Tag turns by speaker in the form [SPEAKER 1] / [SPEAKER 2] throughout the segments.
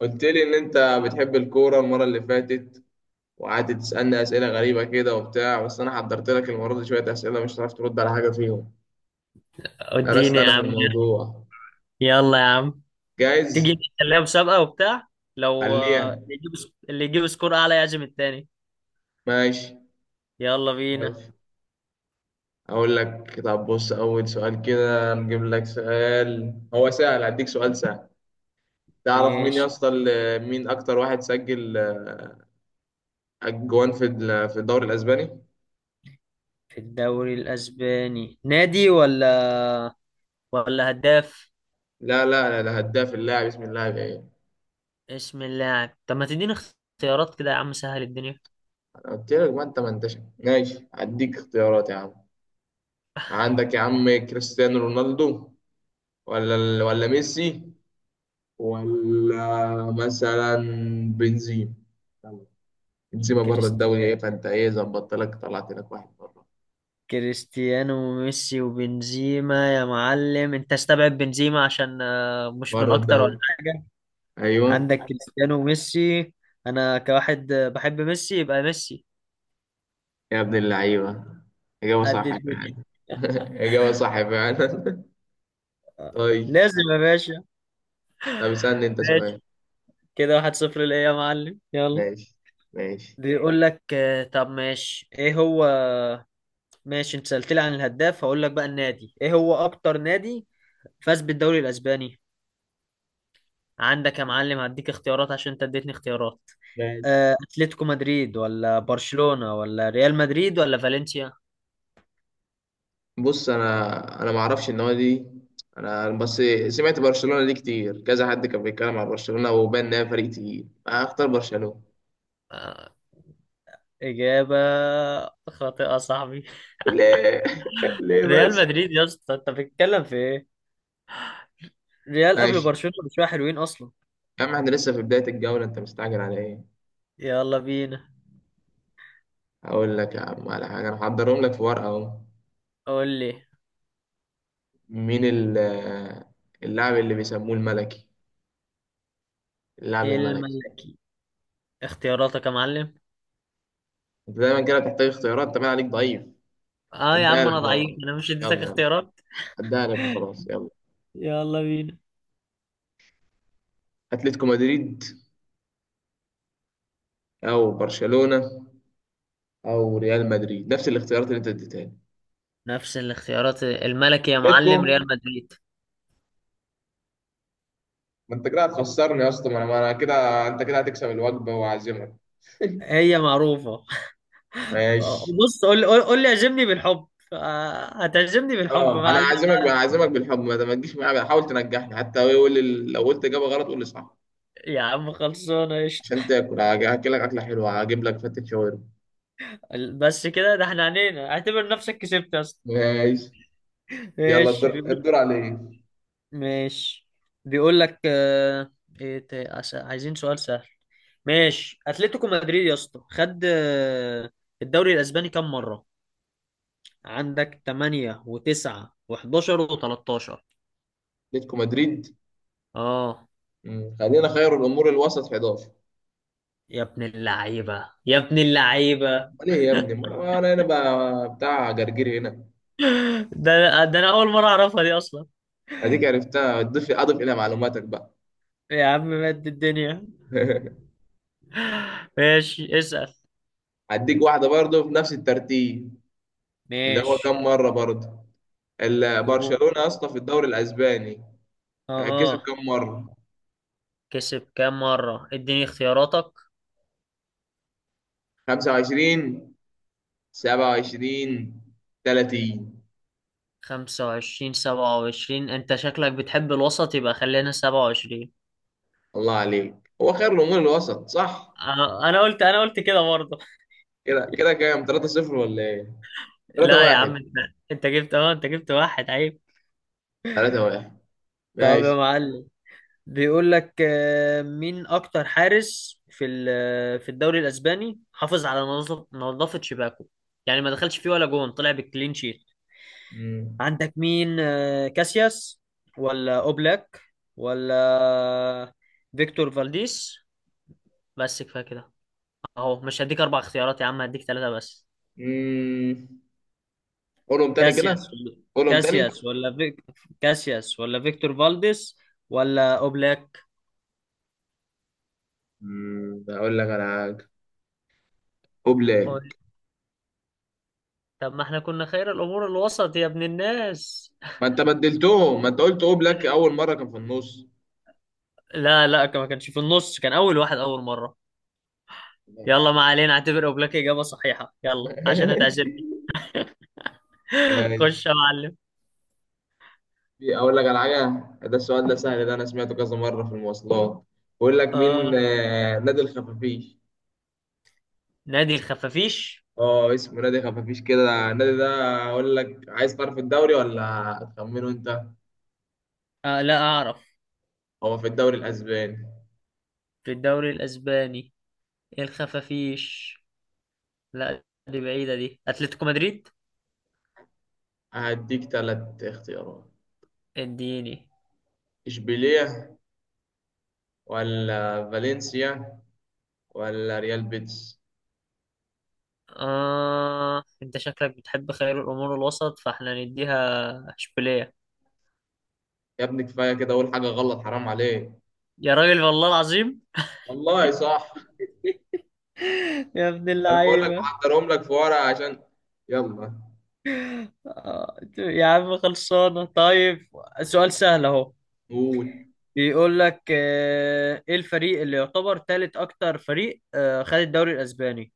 [SPEAKER 1] قلت لي ان انت بتحب الكوره المره اللي فاتت، وقعدت تسالني اسئله غريبه كده وبتاع. بس انا حضرت لك المره دي شويه اسئله مش هتعرف ترد على حاجه فيهم. درست
[SPEAKER 2] اديني يا
[SPEAKER 1] انا في
[SPEAKER 2] عم.
[SPEAKER 1] الموضوع.
[SPEAKER 2] يلا يا عم،
[SPEAKER 1] جاهز.
[SPEAKER 2] تيجي نخليها مسابقة وبتاع؟ لو
[SPEAKER 1] خليها.
[SPEAKER 2] اللي يجيب سكور اعلى يعزم التاني.
[SPEAKER 1] ماشي
[SPEAKER 2] يلا بينا.
[SPEAKER 1] ماشي. اقول لك، طب بص، اول سؤال كده نجيب لك سؤال هو سهل، هديك سؤال سهل. تعرف مين يا
[SPEAKER 2] ماشي.
[SPEAKER 1] اسطى مين اكتر واحد سجل اجوان في في الدوري الاسباني؟
[SPEAKER 2] في الدوري الاسباني، نادي ولا هداف؟
[SPEAKER 1] لا لا لا، ده هداف. اللاعب، اسم اللاعب ايه؟
[SPEAKER 2] اسم اللاعب؟ طب ما تديني اختيارات كده يا عم، سهل الدنيا.
[SPEAKER 1] انا قلت لك، ما انتش ماشي، هديك اختيارات يا عم. عندك يا عم كريستيانو رونالدو، ولا ولا ميسي، ولا مثلا بنزيما. يلا. بنزيما بره الدوري ايه،
[SPEAKER 2] كريستيانو.
[SPEAKER 1] فانت ايه ظبطت لك، طلعت لك واحد بره.
[SPEAKER 2] كريستيانو وميسي وبنزيما يا معلم. انت استبعد بنزيما عشان مش من
[SPEAKER 1] بره
[SPEAKER 2] اكتر ولا
[SPEAKER 1] الدوري،
[SPEAKER 2] حاجة.
[SPEAKER 1] ايوه.
[SPEAKER 2] عندك كريستيانو وميسي. انا كواحد بحب ميسي، يبقى ميسي.
[SPEAKER 1] يا ابن اللعيبه، اجابه
[SPEAKER 2] قد
[SPEAKER 1] صح
[SPEAKER 2] الدنيا.
[SPEAKER 1] فعلا. اجابه صح فعلا.
[SPEAKER 2] آه،
[SPEAKER 1] طيب
[SPEAKER 2] لازم يا
[SPEAKER 1] هت-
[SPEAKER 2] باشا.
[SPEAKER 1] طب اسالني انت سؤال.
[SPEAKER 2] ماشي، كده 1-0 ليا يا معلم. يلا.
[SPEAKER 1] ماشي ماشي
[SPEAKER 2] بيقول لك طب ماشي، ايه هو. ماشي، انت سألت لي عن الهداف، هقول لك بقى النادي، ايه هو اكتر نادي فاز بالدوري الاسباني. عندك يا معلم، هديك اختيارات عشان انت اديتني اختيارات.
[SPEAKER 1] ماشي.
[SPEAKER 2] اتلتيكو مدريد ولا برشلونة ولا ريال مدريد ولا فالنسيا؟
[SPEAKER 1] بص، انا ما اعرفش النوادي دي. انا بس سمعت برشلونه دي كتير، كذا حد كان بيتكلم عن برشلونه وبان انها فريق تقيل، هختار برشلونه.
[SPEAKER 2] آه، اجابة خاطئة صعبة.
[SPEAKER 1] ليه؟ ليه
[SPEAKER 2] ريال
[SPEAKER 1] بس؟
[SPEAKER 2] مدريد يا اسطى، انت بتتكلم في ايه؟ ريال قبل
[SPEAKER 1] ماشي.
[SPEAKER 2] برشلونة بشوية حلوين اصلا.
[SPEAKER 1] يا عم احنا لسه في بدايه الجوله، انت مستعجل على ايه؟
[SPEAKER 2] يلا بينا.
[SPEAKER 1] هقول لك يا عم على حاجه، انا هحضرهم لك في ورقه اهو.
[SPEAKER 2] قول لي.
[SPEAKER 1] مين اللاعب اللي بيسموه الملكي؟ اللاعب
[SPEAKER 2] ايه
[SPEAKER 1] الملكي.
[SPEAKER 2] الملكي؟ اختياراتك يا معلم.
[SPEAKER 1] انت دايما كده بتحتاج اختيارات، انت باين عليك ضعيف.
[SPEAKER 2] اه يا
[SPEAKER 1] هديها
[SPEAKER 2] عم
[SPEAKER 1] لك
[SPEAKER 2] انا ضعيف،
[SPEAKER 1] بقى،
[SPEAKER 2] انا مش اديتك
[SPEAKER 1] يلا يلا،
[SPEAKER 2] اختيارات؟
[SPEAKER 1] هديها لك وخلاص، يلا.
[SPEAKER 2] يلا بينا.
[SPEAKER 1] اتلتيكو مدريد، او برشلونه، او ريال مدريد، نفس الاختيارات اللي انت اديتها لي.
[SPEAKER 2] نفس الاختيارات، الملكي يا
[SPEAKER 1] اتلتيكو.
[SPEAKER 2] معلم ريال مدريد.
[SPEAKER 1] ما انت كده هتخسرني يا اسطى، ما أنا كده، انت كده هتكسب الوجبه وعازمك.
[SPEAKER 2] هي معروفة.
[SPEAKER 1] ماشي.
[SPEAKER 2] بص، قول لي اعجبني بالحب. هتعجبني بالحب،
[SPEAKER 1] اه
[SPEAKER 2] ما
[SPEAKER 1] انا
[SPEAKER 2] علينا.
[SPEAKER 1] عازمك بقى، عازمك بالحب. ما تجيش معايا بقى، حاول تنجحني حتى. هو لو قلت اجابه غلط قول لي صح
[SPEAKER 2] يا عم خلصانة قشطة.
[SPEAKER 1] عشان تاكل. هاكلك اكله حلوه، هجيب لك فتة شاورما.
[SPEAKER 2] بس كده، ده احنا عنينا. اعتبر نفسك كسبت يا اسطى.
[SPEAKER 1] ماشي. يلا،
[SPEAKER 2] ايش
[SPEAKER 1] الدور
[SPEAKER 2] بيقول؟
[SPEAKER 1] الدور عليك.
[SPEAKER 2] ماشي، بيقول لك ايه عايزين سؤال سهل. ماشي، اتلتيكو مدريد يا اسطى خد. الدوري الاسباني كام مره؟ عندك 8 و9 و11 و13.
[SPEAKER 1] اتلتيكو مدريد.
[SPEAKER 2] اه.
[SPEAKER 1] مم. خلينا خير الامور الوسط، 11.
[SPEAKER 2] يا ابن اللعيبه، يا ابن اللعيبه.
[SPEAKER 1] امال ايه يا ابني، ما انا أنا بقى بتاع جرجير هنا.
[SPEAKER 2] ده انا اول مره اعرفها دي اصلا.
[SPEAKER 1] اديك عرفتها، اضيف الى معلوماتك بقى.
[SPEAKER 2] يا عم مد الدنيا. ماشي اسال.
[SPEAKER 1] هديك واحدة برضه في نفس الترتيب. اللي هو
[SPEAKER 2] ماشي.
[SPEAKER 1] كم مرة برضه
[SPEAKER 2] اوه.
[SPEAKER 1] برشلونة يا اسطى في الدوري الأسباني كسب
[SPEAKER 2] اه.
[SPEAKER 1] كم مرة؟
[SPEAKER 2] كسب كام مره؟ اديني اختياراتك.
[SPEAKER 1] 25، 27، 30.
[SPEAKER 2] 25، 27. أنت شكلك بتحب الوسط، يبقى خلينا 27.
[SPEAKER 1] الله عليك، هو خير الأمور الوسط صح؟
[SPEAKER 2] انا قلت كده برضه.
[SPEAKER 1] كده كده كام؟ 3-0 ولا إيه؟
[SPEAKER 2] لا يا
[SPEAKER 1] 3-1.
[SPEAKER 2] عم، أنت جبت واحد عيب.
[SPEAKER 1] 3-1.
[SPEAKER 2] طب يا
[SPEAKER 1] ماشي.
[SPEAKER 2] معلم، بيقول لك مين اكتر حارس في في الدوري الاسباني حافظ على نظافة شباكه؟ يعني ما دخلش فيه ولا جون، طلع بالكلين شيت.
[SPEAKER 1] مم.
[SPEAKER 2] عندك مين؟ كاسياس ولا اوبلاك ولا فيكتور فالديس. بس كفاية كده، اهو مش هديك اربع اختيارات يا عم، هديك ثلاثة بس.
[SPEAKER 1] مم. قولهم تاني
[SPEAKER 2] كاسياس
[SPEAKER 1] كده،
[SPEAKER 2] ولا
[SPEAKER 1] قولهم تاني.
[SPEAKER 2] كاسياس ولا فيك... كاسياس ولا فيكتور فالديس ولا اوبلاك.
[SPEAKER 1] مم. أقول لك على حاجة،
[SPEAKER 2] قول.
[SPEAKER 1] أوبلاك.
[SPEAKER 2] طب ما احنا كنا خير الامور الوسط يا ابن الناس.
[SPEAKER 1] ما أنت بدلتهم، ما أنت قلت أوبلاك أول مرة كان في النص.
[SPEAKER 2] لا لا، ما كانش في النص، كان اول واحد، اول مرة. يلا ما علينا، اعتبر اوبلاك اجابة صحيحة يلا عشان
[SPEAKER 1] ماشي
[SPEAKER 2] هتعزمني.
[SPEAKER 1] ماشي.
[SPEAKER 2] خش يا معلم.
[SPEAKER 1] في اقول لك على حاجه، ده السؤال ده سهل، ده انا سمعته كذا مره في المواصلات. بقول لك مين
[SPEAKER 2] اه.
[SPEAKER 1] نادي الخفافيش؟
[SPEAKER 2] نادي الخفافيش.
[SPEAKER 1] اه اسمه نادي خفافيش كده النادي ده. اقول لك، عايز تعرف الدوري ولا هتخمنه انت؟
[SPEAKER 2] آه لا اعرف.
[SPEAKER 1] هو في الدوري الاسباني.
[SPEAKER 2] في الدوري الاسباني؟ إيه الخفافيش؟ لا دي بعيدة، دي اتلتيكو مدريد.
[SPEAKER 1] هديك ثلاث اختيارات:
[SPEAKER 2] اديني.
[SPEAKER 1] اشبيليه، ولا فالنسيا، ولا ريال بيتس.
[SPEAKER 2] أنت شكلك بتحب خير الأمور الوسط، فإحنا نديها إشبيلية.
[SPEAKER 1] يا ابني كفايه كده اقول حاجه غلط، حرام عليك.
[SPEAKER 2] يا راجل والله العظيم.
[SPEAKER 1] والله صح.
[SPEAKER 2] يا ابن
[SPEAKER 1] انا بقول لك
[SPEAKER 2] اللعيبة.
[SPEAKER 1] محضرهم لك في ورقه عشان. يلا،
[SPEAKER 2] يا عم خلصانة طيب. سؤال سهل اهو.
[SPEAKER 1] قول.
[SPEAKER 2] بيقول لك ايه الفريق اللي يعتبر ثالث اكتر فريق؟ خد الدوري الاسباني.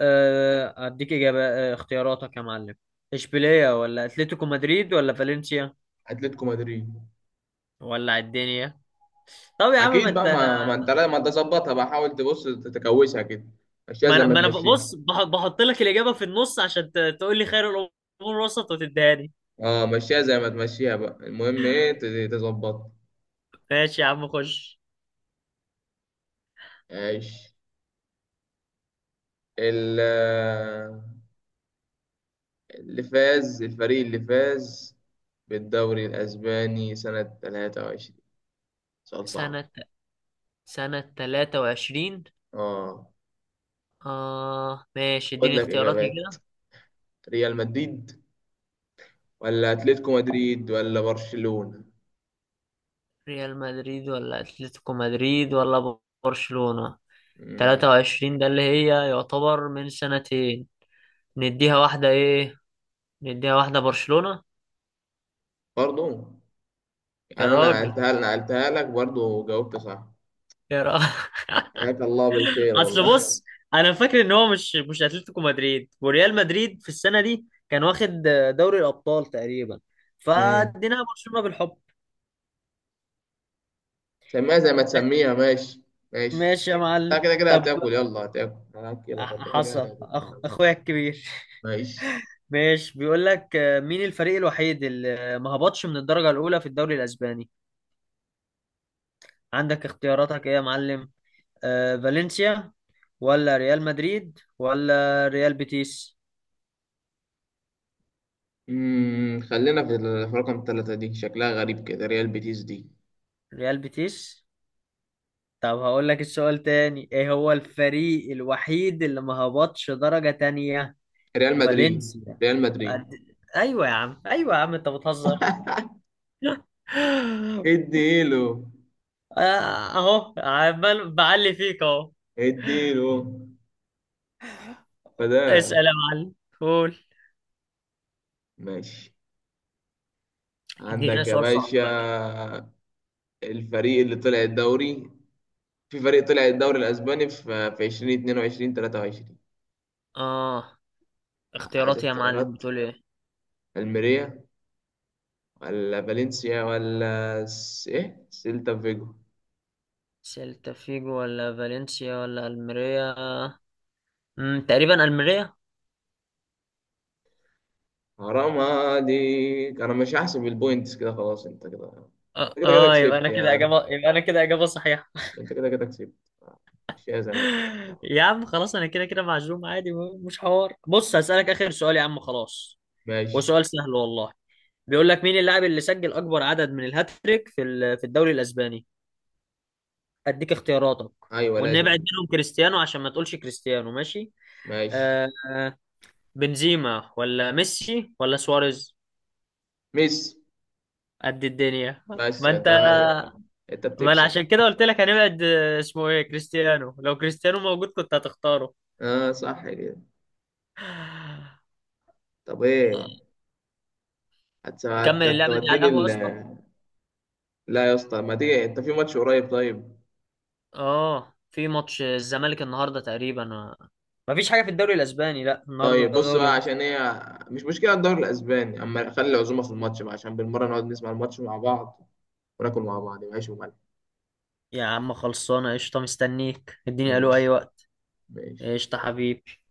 [SPEAKER 2] اديك اجابة. اختياراتك يا معلم. اشبيلية ولا اتلتيكو مدريد ولا فالنسيا
[SPEAKER 1] اتلتيكو مدريد.
[SPEAKER 2] ولا الدنيا؟ طب يا عم، ما
[SPEAKER 1] اكيد
[SPEAKER 2] انت،
[SPEAKER 1] بقى، ما انت ما انت ظبطها بقى، حاول تبص تتكوشها كده، مشيها
[SPEAKER 2] ما
[SPEAKER 1] زي
[SPEAKER 2] انا
[SPEAKER 1] ما
[SPEAKER 2] ما انا
[SPEAKER 1] تمشيها.
[SPEAKER 2] بص بحط لك الاجابه في النص عشان تقول لي خير الامور وسط وتدهاني.
[SPEAKER 1] اه مشيها زي ما تمشيها بقى، المهم ايه تظبطها.
[SPEAKER 2] ماشي يا عم خش.
[SPEAKER 1] عيش. ال- اللي فاز، الفريق اللي فاز بالدوري الاسباني سنة 23. سؤال صعب.
[SPEAKER 2] سنة سنة 23.
[SPEAKER 1] اه.
[SPEAKER 2] آه ماشي،
[SPEAKER 1] خد
[SPEAKER 2] اديني
[SPEAKER 1] لك
[SPEAKER 2] اختياراتي
[SPEAKER 1] اجابات:
[SPEAKER 2] كده.
[SPEAKER 1] ريال مدريد، ولا اتلتيكو مدريد، ولا برشلونة.
[SPEAKER 2] ريال مدريد ولا أتلتيكو مدريد ولا برشلونة؟
[SPEAKER 1] مم.
[SPEAKER 2] 23 ده اللي هي يعتبر من سنتين. نديها واحدة ايه. نديها واحدة برشلونة.
[SPEAKER 1] برضو؟
[SPEAKER 2] يا
[SPEAKER 1] يعني انا
[SPEAKER 2] راجل.
[SPEAKER 1] نقلتها لك برضو وجاوبت صح.
[SPEAKER 2] يا راجل.
[SPEAKER 1] حياك الله بالخير
[SPEAKER 2] اصل
[SPEAKER 1] والله.
[SPEAKER 2] بص، انا فاكر ان هو مش اتلتيكو مدريد وريال مدريد في السنه دي كان واخد دوري الابطال تقريبا،
[SPEAKER 1] امم،
[SPEAKER 2] فاديناها برشلونه بالحب.
[SPEAKER 1] سميها زي ما تسميها، ماشي ماشي.
[SPEAKER 2] ماشي يا
[SPEAKER 1] انت
[SPEAKER 2] معلم
[SPEAKER 1] كده كده
[SPEAKER 2] طب.
[SPEAKER 1] هتاكل، يلا هتاكل، انا هاكلك، انت كده كده
[SPEAKER 2] حصل
[SPEAKER 1] هتاكل.
[SPEAKER 2] اخويا الكبير.
[SPEAKER 1] ماشي.
[SPEAKER 2] ماشي، بيقول لك مين الفريق الوحيد اللي ما هبطش من الدرجه الاولى في الدوري الاسباني؟ عندك اختياراتك ايه يا معلم؟ فالنسيا ولا ريال مدريد ولا ريال بيتيس؟
[SPEAKER 1] امم، خلينا في في رقم ثلاثة، دي شكلها غريب كده، ريال بيتيس دي.
[SPEAKER 2] ريال بيتيس؟ طب هقول لك السؤال تاني، ايه هو الفريق الوحيد اللي ما هبطش درجة تانية؟
[SPEAKER 1] ريال مدريد.
[SPEAKER 2] فالنسيا.
[SPEAKER 1] ريال مدريد.
[SPEAKER 2] أد- ايوه يا عم، ايوه يا عم انت بتهزر.
[SPEAKER 1] اديله،
[SPEAKER 2] آه، اهو عمال بعلي فيك اهو.
[SPEAKER 1] اديله، فده.
[SPEAKER 2] اسأل يا معلم. قول.
[SPEAKER 1] ماشي.
[SPEAKER 2] ادينا
[SPEAKER 1] عندك يا
[SPEAKER 2] سؤال صعب
[SPEAKER 1] باشا.
[SPEAKER 2] بقى كده.
[SPEAKER 1] الفريق اللي طلع الدوري، في فريق طلع الدوري الاسباني في في 2022 23.
[SPEAKER 2] اه.
[SPEAKER 1] عايز
[SPEAKER 2] اختياراتي يا معلم
[SPEAKER 1] اختيارات.
[SPEAKER 2] بتقول ايه؟
[SPEAKER 1] الميريا، ولا فالنسيا، ايه سيلتا فيجو.
[SPEAKER 2] سيلتا فيجو ولا فالنسيا ولا الميريا؟ تقريبا الميريا.
[SPEAKER 1] حرام عليك، انا مش هحسب البوينتس كده، خلاص انت كده.
[SPEAKER 2] اه.
[SPEAKER 1] انت كده كده كسبت يعني،
[SPEAKER 2] يبقى انا كده اجابة صحيحة.
[SPEAKER 1] انت كده كده كسبت، مش زي ما تقول.
[SPEAKER 2] يا عم خلاص، انا كده كده معزوم عادي، مش حوار. بص هسألك اخر سؤال يا عم خلاص.
[SPEAKER 1] ماشي.
[SPEAKER 2] وسؤال سهل والله. بيقول لك مين اللاعب اللي سجل اكبر عدد من الهاتريك في في الدوري الاسباني؟ اديك اختياراتك،
[SPEAKER 1] ايوه
[SPEAKER 2] ونبعد
[SPEAKER 1] لازم.
[SPEAKER 2] منهم كريستيانو عشان ما تقولش كريستيانو، ماشي.
[SPEAKER 1] ماشي.
[SPEAKER 2] آه آه، بنزيما ولا ميسي ولا سواريز.
[SPEAKER 1] ميسي.
[SPEAKER 2] قد الدنيا.
[SPEAKER 1] بس
[SPEAKER 2] ما
[SPEAKER 1] انت،
[SPEAKER 2] انت،
[SPEAKER 1] انت
[SPEAKER 2] ما انا
[SPEAKER 1] بتكسب.
[SPEAKER 2] عشان كده قلت لك هنبعد اسمه ايه، كريستيانو، لو كريستيانو موجود كنت هتختاره.
[SPEAKER 1] اه صح كده.
[SPEAKER 2] آه،
[SPEAKER 1] طب ايه،
[SPEAKER 2] نكمل اللعبة دي على
[SPEAKER 1] هتوديني
[SPEAKER 2] القهوة
[SPEAKER 1] ال...
[SPEAKER 2] اصلا.
[SPEAKER 1] لا يا اسطى، ما تيجي انت في ماتش قريب، طيب؟
[SPEAKER 2] اه في ماتش الزمالك النهارده تقريبا آه. مفيش حاجة في الدوري الأسباني، لا النهاردة
[SPEAKER 1] طيب
[SPEAKER 2] ده
[SPEAKER 1] بص
[SPEAKER 2] دوري
[SPEAKER 1] بقى،
[SPEAKER 2] مصر.
[SPEAKER 1] عشان هي مش مشكلة الدوري الأسباني، أما خلي العزومة في الماتش بقى، عشان بالمرة نقعد نسمع الماتش مع بعض وناكل مع بعض، وعيش وملح.
[SPEAKER 2] يا عم خلصانه قشطه، مستنيك، اديني الو اي
[SPEAKER 1] ماشي
[SPEAKER 2] وقت.
[SPEAKER 1] ماشي.
[SPEAKER 2] قشطه حبيبي.